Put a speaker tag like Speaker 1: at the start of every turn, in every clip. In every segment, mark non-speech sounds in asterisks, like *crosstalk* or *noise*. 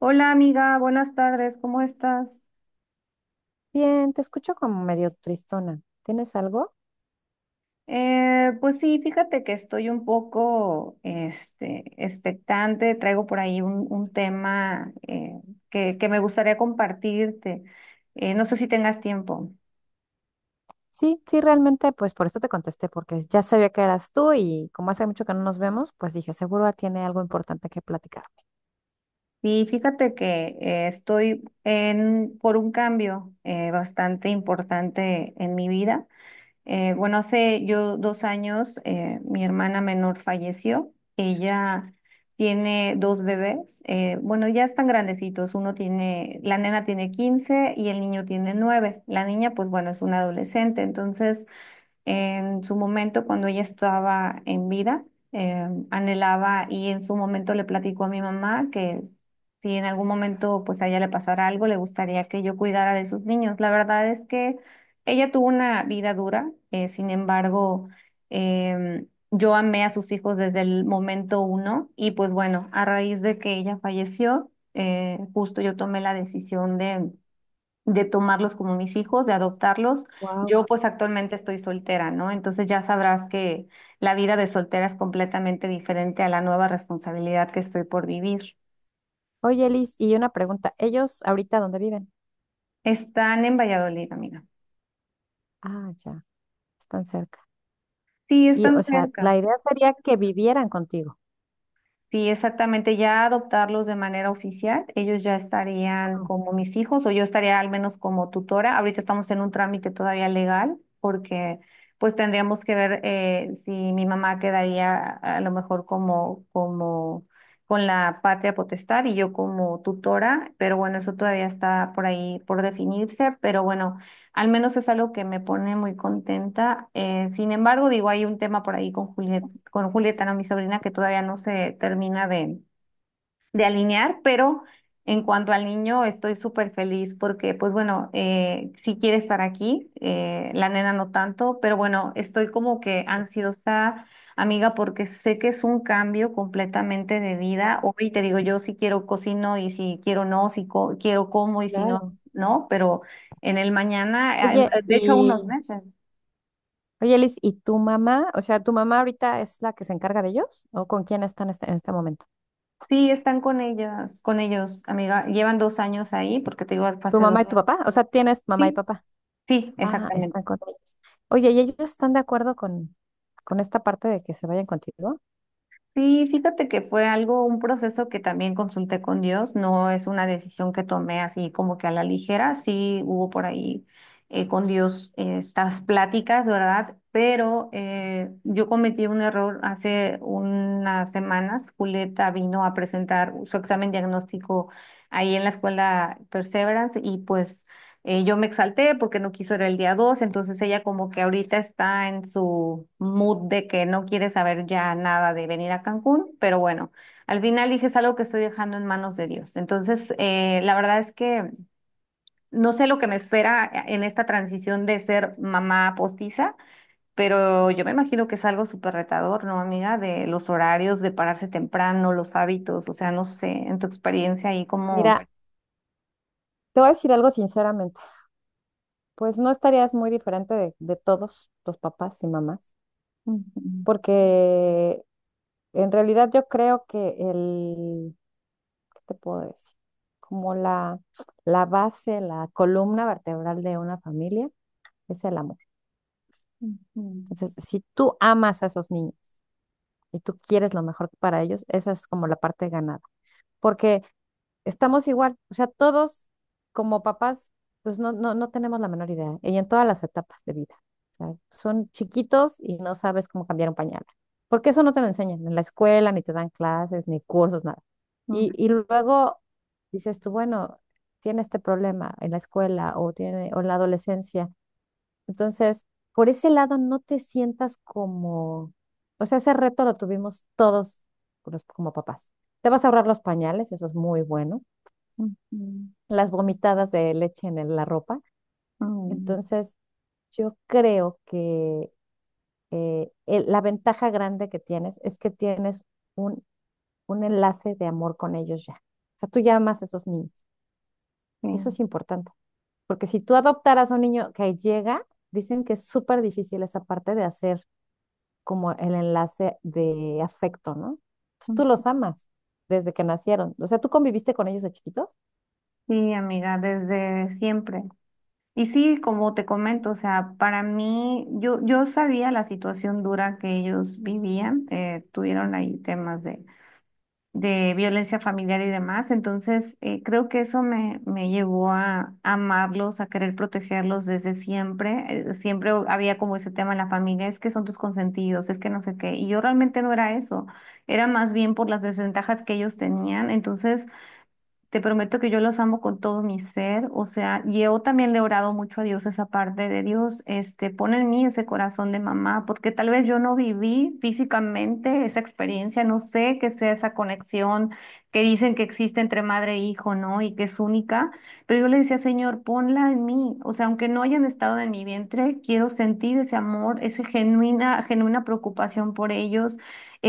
Speaker 1: Hola amiga, buenas tardes, ¿cómo estás?
Speaker 2: Bien, te escucho como medio tristona. ¿Tienes algo?
Speaker 1: Pues sí, fíjate que estoy un poco este, expectante, traigo por ahí un tema que me gustaría compartirte. No sé si tengas tiempo.
Speaker 2: Sí, sí, realmente, pues por eso te contesté, porque ya sabía que eras tú y como hace mucho que no nos vemos, pues dije, seguro tiene algo importante que platicar.
Speaker 1: Sí, fíjate que estoy por un cambio bastante importante en mi vida. Bueno, hace yo 2 años mi hermana menor falleció. Ella tiene dos bebés. Bueno, ya están grandecitos. La nena tiene 15 y el niño tiene 9. La niña, pues bueno, es una adolescente. Entonces, en su momento, cuando ella estaba en vida, anhelaba y en su momento le platicó a mi mamá que si en algún momento pues a ella le pasara algo, le gustaría que yo cuidara de sus niños. La verdad es que ella tuvo una vida dura, sin embargo, yo amé a sus hijos desde el momento uno y pues bueno, a raíz de que ella falleció, justo yo tomé la decisión de tomarlos como mis hijos, de adoptarlos.
Speaker 2: Wow.
Speaker 1: Yo pues actualmente estoy soltera, ¿no? Entonces ya sabrás que la vida de soltera es completamente diferente a la nueva responsabilidad que estoy por vivir.
Speaker 2: Oye, Liz, y una pregunta, ¿ellos ahorita dónde viven?
Speaker 1: Están en Valladolid, amiga.
Speaker 2: Ah, ya, están cerca.
Speaker 1: Sí,
Speaker 2: Y,
Speaker 1: están
Speaker 2: o sea,
Speaker 1: cerca.
Speaker 2: la idea sería que vivieran contigo.
Speaker 1: Sí, exactamente, ya adoptarlos de manera oficial, ellos ya estarían
Speaker 2: Wow,
Speaker 1: como mis hijos o yo estaría al menos como tutora. Ahorita estamos en un trámite todavía legal porque pues tendríamos que ver si mi mamá quedaría a lo mejor como, con la patria potestad y yo como tutora, pero bueno, eso todavía está por ahí por definirse, pero bueno. Al menos es algo que me pone muy contenta. Sin embargo, digo, hay un tema por ahí con Julieta, ¿no? Mi sobrina, que todavía no se termina de alinear, pero en cuanto al niño estoy súper feliz porque, pues bueno, sí quiere estar aquí, la nena no tanto, pero bueno, estoy como que ansiosa, amiga, porque sé que es un cambio completamente de vida.
Speaker 2: claro,
Speaker 1: Hoy te digo, yo si quiero cocino y si quiero no, si quiero como y si no,
Speaker 2: claro.
Speaker 1: no, pero en el mañana,
Speaker 2: Oye,
Speaker 1: de hecho, a
Speaker 2: y,
Speaker 1: unos meses.
Speaker 2: oye, Liz, ¿y tu mamá? O sea, ¿tu mamá ahorita es la que se encarga de ellos? ¿O con quién están en este momento?
Speaker 1: Sí, están con ellas, con ellos, amiga. Llevan 2 años ahí, porque te digo,
Speaker 2: ¿Tu
Speaker 1: hace dos.
Speaker 2: mamá y tu papá? O sea, ¿tienes mamá y
Speaker 1: Sí,
Speaker 2: papá?
Speaker 1: sí,
Speaker 2: Ah,
Speaker 1: exactamente.
Speaker 2: están con ellos. Oye, ¿y ellos están de acuerdo con esta parte de que se vayan contigo?
Speaker 1: Sí, fíjate que fue algo, un proceso que también consulté con Dios, no es una decisión que tomé así como que a la ligera, sí hubo por ahí con Dios estas pláticas, ¿verdad? Pero yo cometí un error hace unas semanas, Julieta vino a presentar su examen diagnóstico ahí en la escuela Perseverance y pues. Yo me exalté porque no quiso ir el día 2, entonces ella como que ahorita está en su mood de que no quiere saber ya nada de venir a Cancún, pero bueno, al final dije es algo que estoy dejando en manos de Dios. Entonces, la verdad es que no sé lo que me espera en esta transición de ser mamá postiza, pero yo me imagino que es algo súper retador, ¿no, amiga? De los horarios, de pararse temprano, los hábitos, o sea, no sé, en tu experiencia ahí como.
Speaker 2: Mira, te voy a decir algo sinceramente, pues no estarías muy diferente de todos los papás y mamás,
Speaker 1: Ujú,
Speaker 2: porque en realidad yo creo que el, ¿qué te puedo decir? Como la base, la columna vertebral de una familia es el amor.
Speaker 1: ujú,
Speaker 2: Entonces, si tú amas a esos niños y tú quieres lo mejor para ellos, esa es como la parte ganada. Porque estamos igual, o sea, todos como papás, pues no tenemos la menor idea, y en todas las etapas de vida. O sea, son chiquitos y no sabes cómo cambiar un pañal, porque eso no te lo enseñan en la escuela, ni te dan clases, ni cursos, nada. Y,
Speaker 1: ujú,
Speaker 2: y luego dices tú, bueno, tiene este problema en la escuela o, tiene, o en la adolescencia. Entonces, por ese lado, no te sientas como, o sea, ese reto lo tuvimos todos como papás. Te vas a ahorrar los pañales, eso es muy bueno,
Speaker 1: ujú.
Speaker 2: las vomitadas de leche en la ropa.
Speaker 1: Mm,
Speaker 2: Entonces, yo creo que la ventaja grande que tienes es que tienes un, un enlace de amor con ellos ya. O sea, tú ya amas a esos niños.
Speaker 1: sí,
Speaker 2: Eso
Speaker 1: mm,
Speaker 2: es importante, porque si tú adoptaras a un niño que llega, dicen que es súper difícil esa parte de hacer como el enlace de afecto, ¿no? Pues tú los amas desde que nacieron. O sea, ¿tú conviviste con ellos de chiquitos?
Speaker 1: sí, amiga, desde siempre. Y sí, como te comento, o sea, para mí, yo sabía la situación dura que ellos vivían, tuvieron ahí temas de violencia familiar y demás, entonces creo que eso me llevó a amarlos, a querer protegerlos desde siempre. Siempre había como ese tema en la familia, es que son tus consentidos, es que no sé qué, y yo realmente no era eso, era más bien por las desventajas que ellos tenían, entonces. Te prometo que yo los amo con todo mi ser, o sea, yo también le he orado mucho a Dios esa parte de Dios, este, pon en mí ese corazón de mamá, porque tal vez yo no viví físicamente esa experiencia, no sé qué sea esa conexión que dicen que existe entre madre e hijo, ¿no? Y que es única, pero yo le decía, Señor, ponla en mí, o sea, aunque no hayan estado en mi vientre, quiero sentir ese amor, esa genuina, genuina preocupación por ellos,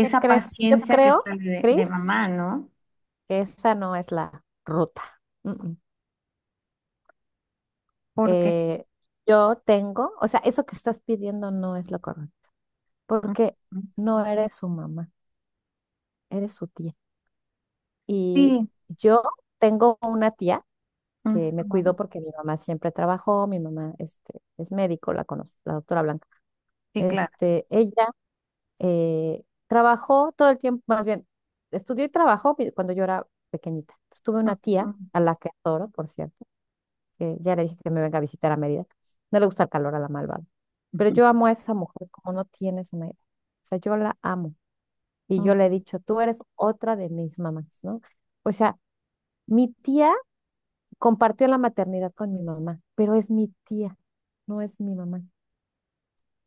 Speaker 2: ¿Qué crees? Yo
Speaker 1: paciencia que
Speaker 2: creo,
Speaker 1: está de
Speaker 2: Cris,
Speaker 1: mamá, ¿no?
Speaker 2: esa no es la ruta. Mm, mm.
Speaker 1: Porque.
Speaker 2: Eh, yo tengo, o sea, eso que estás pidiendo no es lo correcto, porque no eres su mamá, eres su tía. Y
Speaker 1: Sí,
Speaker 2: yo tengo una tía que me
Speaker 1: ujú,
Speaker 2: cuidó porque mi mamá siempre trabajó, mi mamá este, es médico, la conozco, la doctora Blanca.
Speaker 1: sí, claro.
Speaker 2: Este, ella trabajó todo el tiempo, más bien, estudió y trabajó cuando yo era pequeñita. Entonces, tuve una tía
Speaker 1: Ujú,
Speaker 2: a la que adoro, por cierto que ya le dije que me venga a visitar a Mérida. No le gusta el calor a la malvada. Pero yo amo a esa mujer como no tienes una idea. O sea, yo la amo. Y
Speaker 1: ujú,
Speaker 2: yo le he dicho, tú eres otra de mis mamás, ¿no? O sea, mi tía compartió la maternidad con mi mamá, pero es mi tía, no es mi mamá.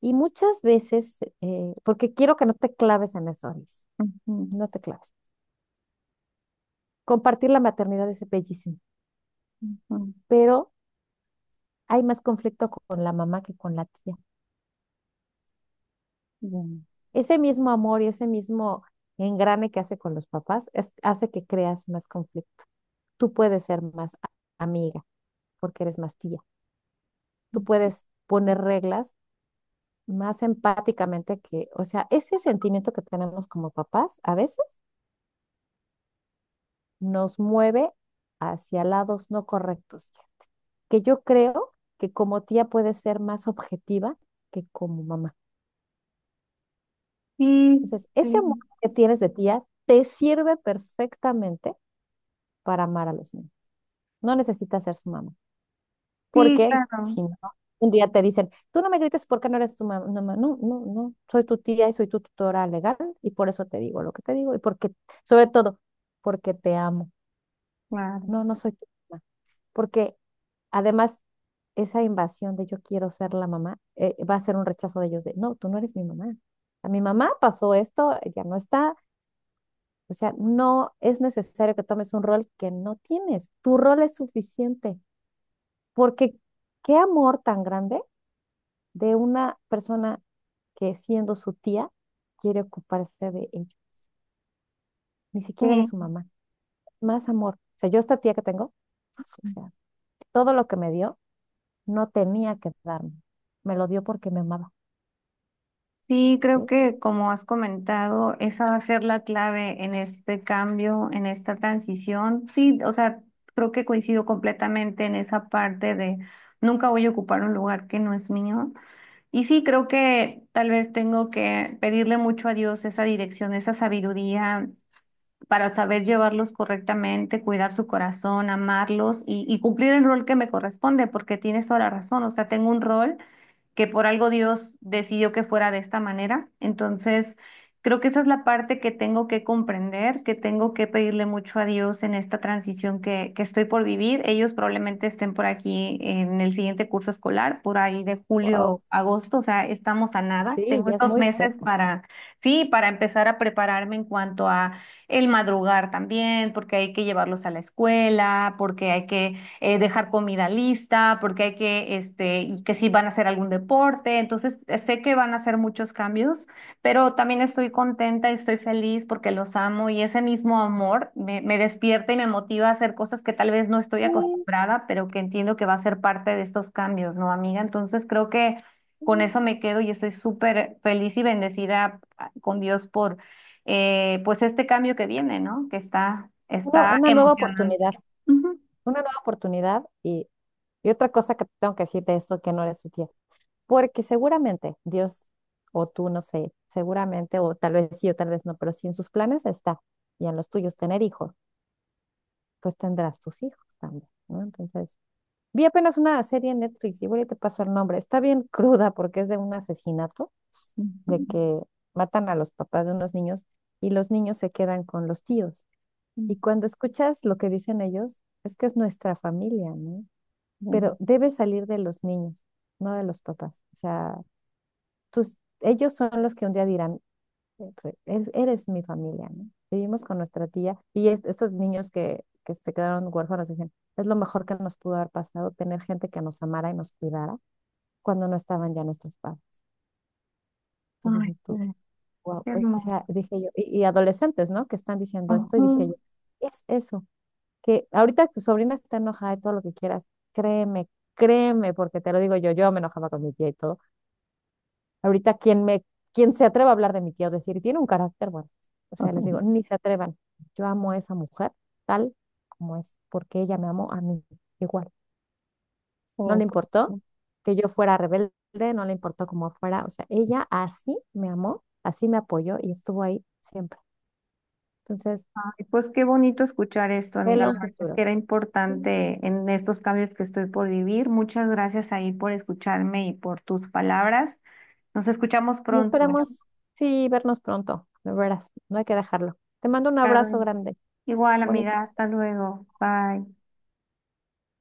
Speaker 2: Y muchas veces, porque quiero que no te claves en eso, Alice,
Speaker 1: ujú,
Speaker 2: no te claves. Compartir la maternidad es bellísimo,
Speaker 1: ujú,
Speaker 2: pero hay más conflicto con la mamá que con la tía.
Speaker 1: bien.
Speaker 2: Ese mismo amor y ese mismo engrane que hace con los papás hace que creas más conflicto. Tú puedes ser amiga porque eres más tía. Tú puedes poner reglas más empáticamente que, o sea, ese sentimiento que tenemos como papás a veces nos mueve hacia lados no correctos, que yo creo que como tía puedes ser más objetiva que como mamá.
Speaker 1: Sí,
Speaker 2: Entonces, ese amor
Speaker 1: sí,
Speaker 2: que tienes de tía te sirve perfectamente para amar a los niños. No necesitas ser su mamá.
Speaker 1: sí,
Speaker 2: Porque
Speaker 1: claro,
Speaker 2: si no, un día te dicen, tú no me grites porque no eres tu mamá. No, no, no, no. Soy tu tía y soy tu tutora legal y por eso te digo lo que te digo y porque, sobre todo, porque te amo.
Speaker 1: claro.
Speaker 2: No, no soy tu mamá. Porque además, esa invasión de yo quiero ser la mamá va a ser un rechazo de ellos de, no, tú no eres mi mamá. A mi mamá pasó esto, ya no está. O sea, no es necesario que tomes un rol que no tienes. Tu rol es suficiente. Porque qué amor tan grande de una persona que siendo su tía quiere ocuparse de ella. Ni siquiera de su
Speaker 1: Sí,
Speaker 2: mamá. Más amor. O sea, yo esta tía que tengo, pues, o sea, todo lo que me dio no tenía que darme. Me lo dio porque me amaba.
Speaker 1: sí, creo
Speaker 2: ¿Sí?
Speaker 1: que como has comentado, esa va a ser la clave en este cambio, en esta transición. Sí, o sea, creo que coincido completamente en esa parte de nunca voy a ocupar un lugar que no es mío. Y sí, creo que tal vez tengo que pedirle mucho a Dios esa dirección, esa sabiduría para saber llevarlos correctamente, cuidar su corazón, amarlos y cumplir el rol que me corresponde, porque tienes toda la razón, o sea, tengo un rol que por algo Dios decidió que fuera de esta manera. Entonces, creo que esa es la parte que tengo que comprender, que tengo que pedirle mucho a Dios en esta transición que estoy por vivir. Ellos probablemente estén por aquí en el siguiente curso escolar, por ahí de
Speaker 2: Wow.
Speaker 1: julio, agosto, o sea, estamos a nada.
Speaker 2: Sí,
Speaker 1: Tengo
Speaker 2: ya es
Speaker 1: estos
Speaker 2: muy
Speaker 1: meses
Speaker 2: cerca.
Speaker 1: para, sí, para empezar a prepararme en cuanto a el madrugar también, porque hay que llevarlos a la escuela, porque hay que dejar comida lista, porque hay que, este, y que si van a hacer algún deporte, entonces sé que van a hacer muchos cambios, pero también estoy contenta y estoy feliz porque los amo y ese mismo amor me despierta y me motiva a hacer cosas que tal vez no estoy
Speaker 2: Sí,
Speaker 1: acostumbrada, pero que entiendo que va a ser parte de estos cambios, ¿no, amiga? Entonces creo que con
Speaker 2: sí.
Speaker 1: eso me quedo y estoy súper feliz y bendecida ah, con Dios por, pues, este cambio que viene, ¿no? Que
Speaker 2: Una,
Speaker 1: está
Speaker 2: una nueva
Speaker 1: emocionante.
Speaker 2: oportunidad,
Speaker 1: Ujú.
Speaker 2: una nueva oportunidad y otra cosa que tengo que decir de esto que no eres su tía. Porque seguramente Dios o tú, no sé, seguramente, o tal vez sí o tal vez no, pero si en sus planes está y en los tuyos tener hijos, pues tendrás tus hijos también, ¿no? Entonces, vi apenas una serie en Netflix y ahorita te paso el nombre. Está bien cruda porque es de un asesinato, de
Speaker 1: Ujú.
Speaker 2: que matan a los papás de unos niños y los niños se quedan con los tíos.
Speaker 1: Mm,
Speaker 2: Y cuando escuchas lo que dicen ellos, es que es nuestra familia, ¿no? Pero
Speaker 1: bueno.
Speaker 2: debe salir de los niños, no de los papás. O sea, ellos son los que un día dirán, eres mi familia, ¿no? Vivimos con nuestra tía y estos niños que se quedaron huérfanos dicen, es lo mejor que nos pudo haber pasado tener gente que nos amara y nos cuidara cuando no estaban ya nuestros padres. Entonces
Speaker 1: Ay,
Speaker 2: dices tú,
Speaker 1: ay,
Speaker 2: wow,
Speaker 1: qué
Speaker 2: o
Speaker 1: hermoso.
Speaker 2: sea, dije yo, y adolescentes, ¿no? Que están diciendo esto y dije yo,
Speaker 1: Ujú.
Speaker 2: es eso, que ahorita tu sobrina está enojada y todo lo que quieras, créeme, créeme, porque te lo digo yo, yo me enojaba con mi tía y todo. Ahorita quien me, quien se atreva a hablar de mi tía o decir, tiene un carácter, bueno, o sea, les digo,
Speaker 1: *laughs*
Speaker 2: ni se atrevan. Yo amo a esa mujer tal como es, porque ella me amó a mí igual.
Speaker 1: Sí,
Speaker 2: No le
Speaker 1: pues,
Speaker 2: importó
Speaker 1: sí.
Speaker 2: que yo fuera rebelde, no le importó cómo fuera, o sea, ella así me amó, así me apoyó y estuvo ahí siempre. Entonces,
Speaker 1: Ay, pues qué bonito escuchar esto, amiga.
Speaker 2: velo
Speaker 1: La
Speaker 2: un
Speaker 1: verdad es que
Speaker 2: futuro.
Speaker 1: era importante en estos cambios que estoy por vivir. Muchas gracias ahí por escucharme y por tus palabras. Nos escuchamos
Speaker 2: Y
Speaker 1: pronto.
Speaker 2: esperemos, sí, vernos pronto, de veras, no hay que dejarlo. Te mando un abrazo
Speaker 1: Claro.
Speaker 2: grande,
Speaker 1: Igual,
Speaker 2: bonito.
Speaker 1: amiga. Hasta luego. Bye.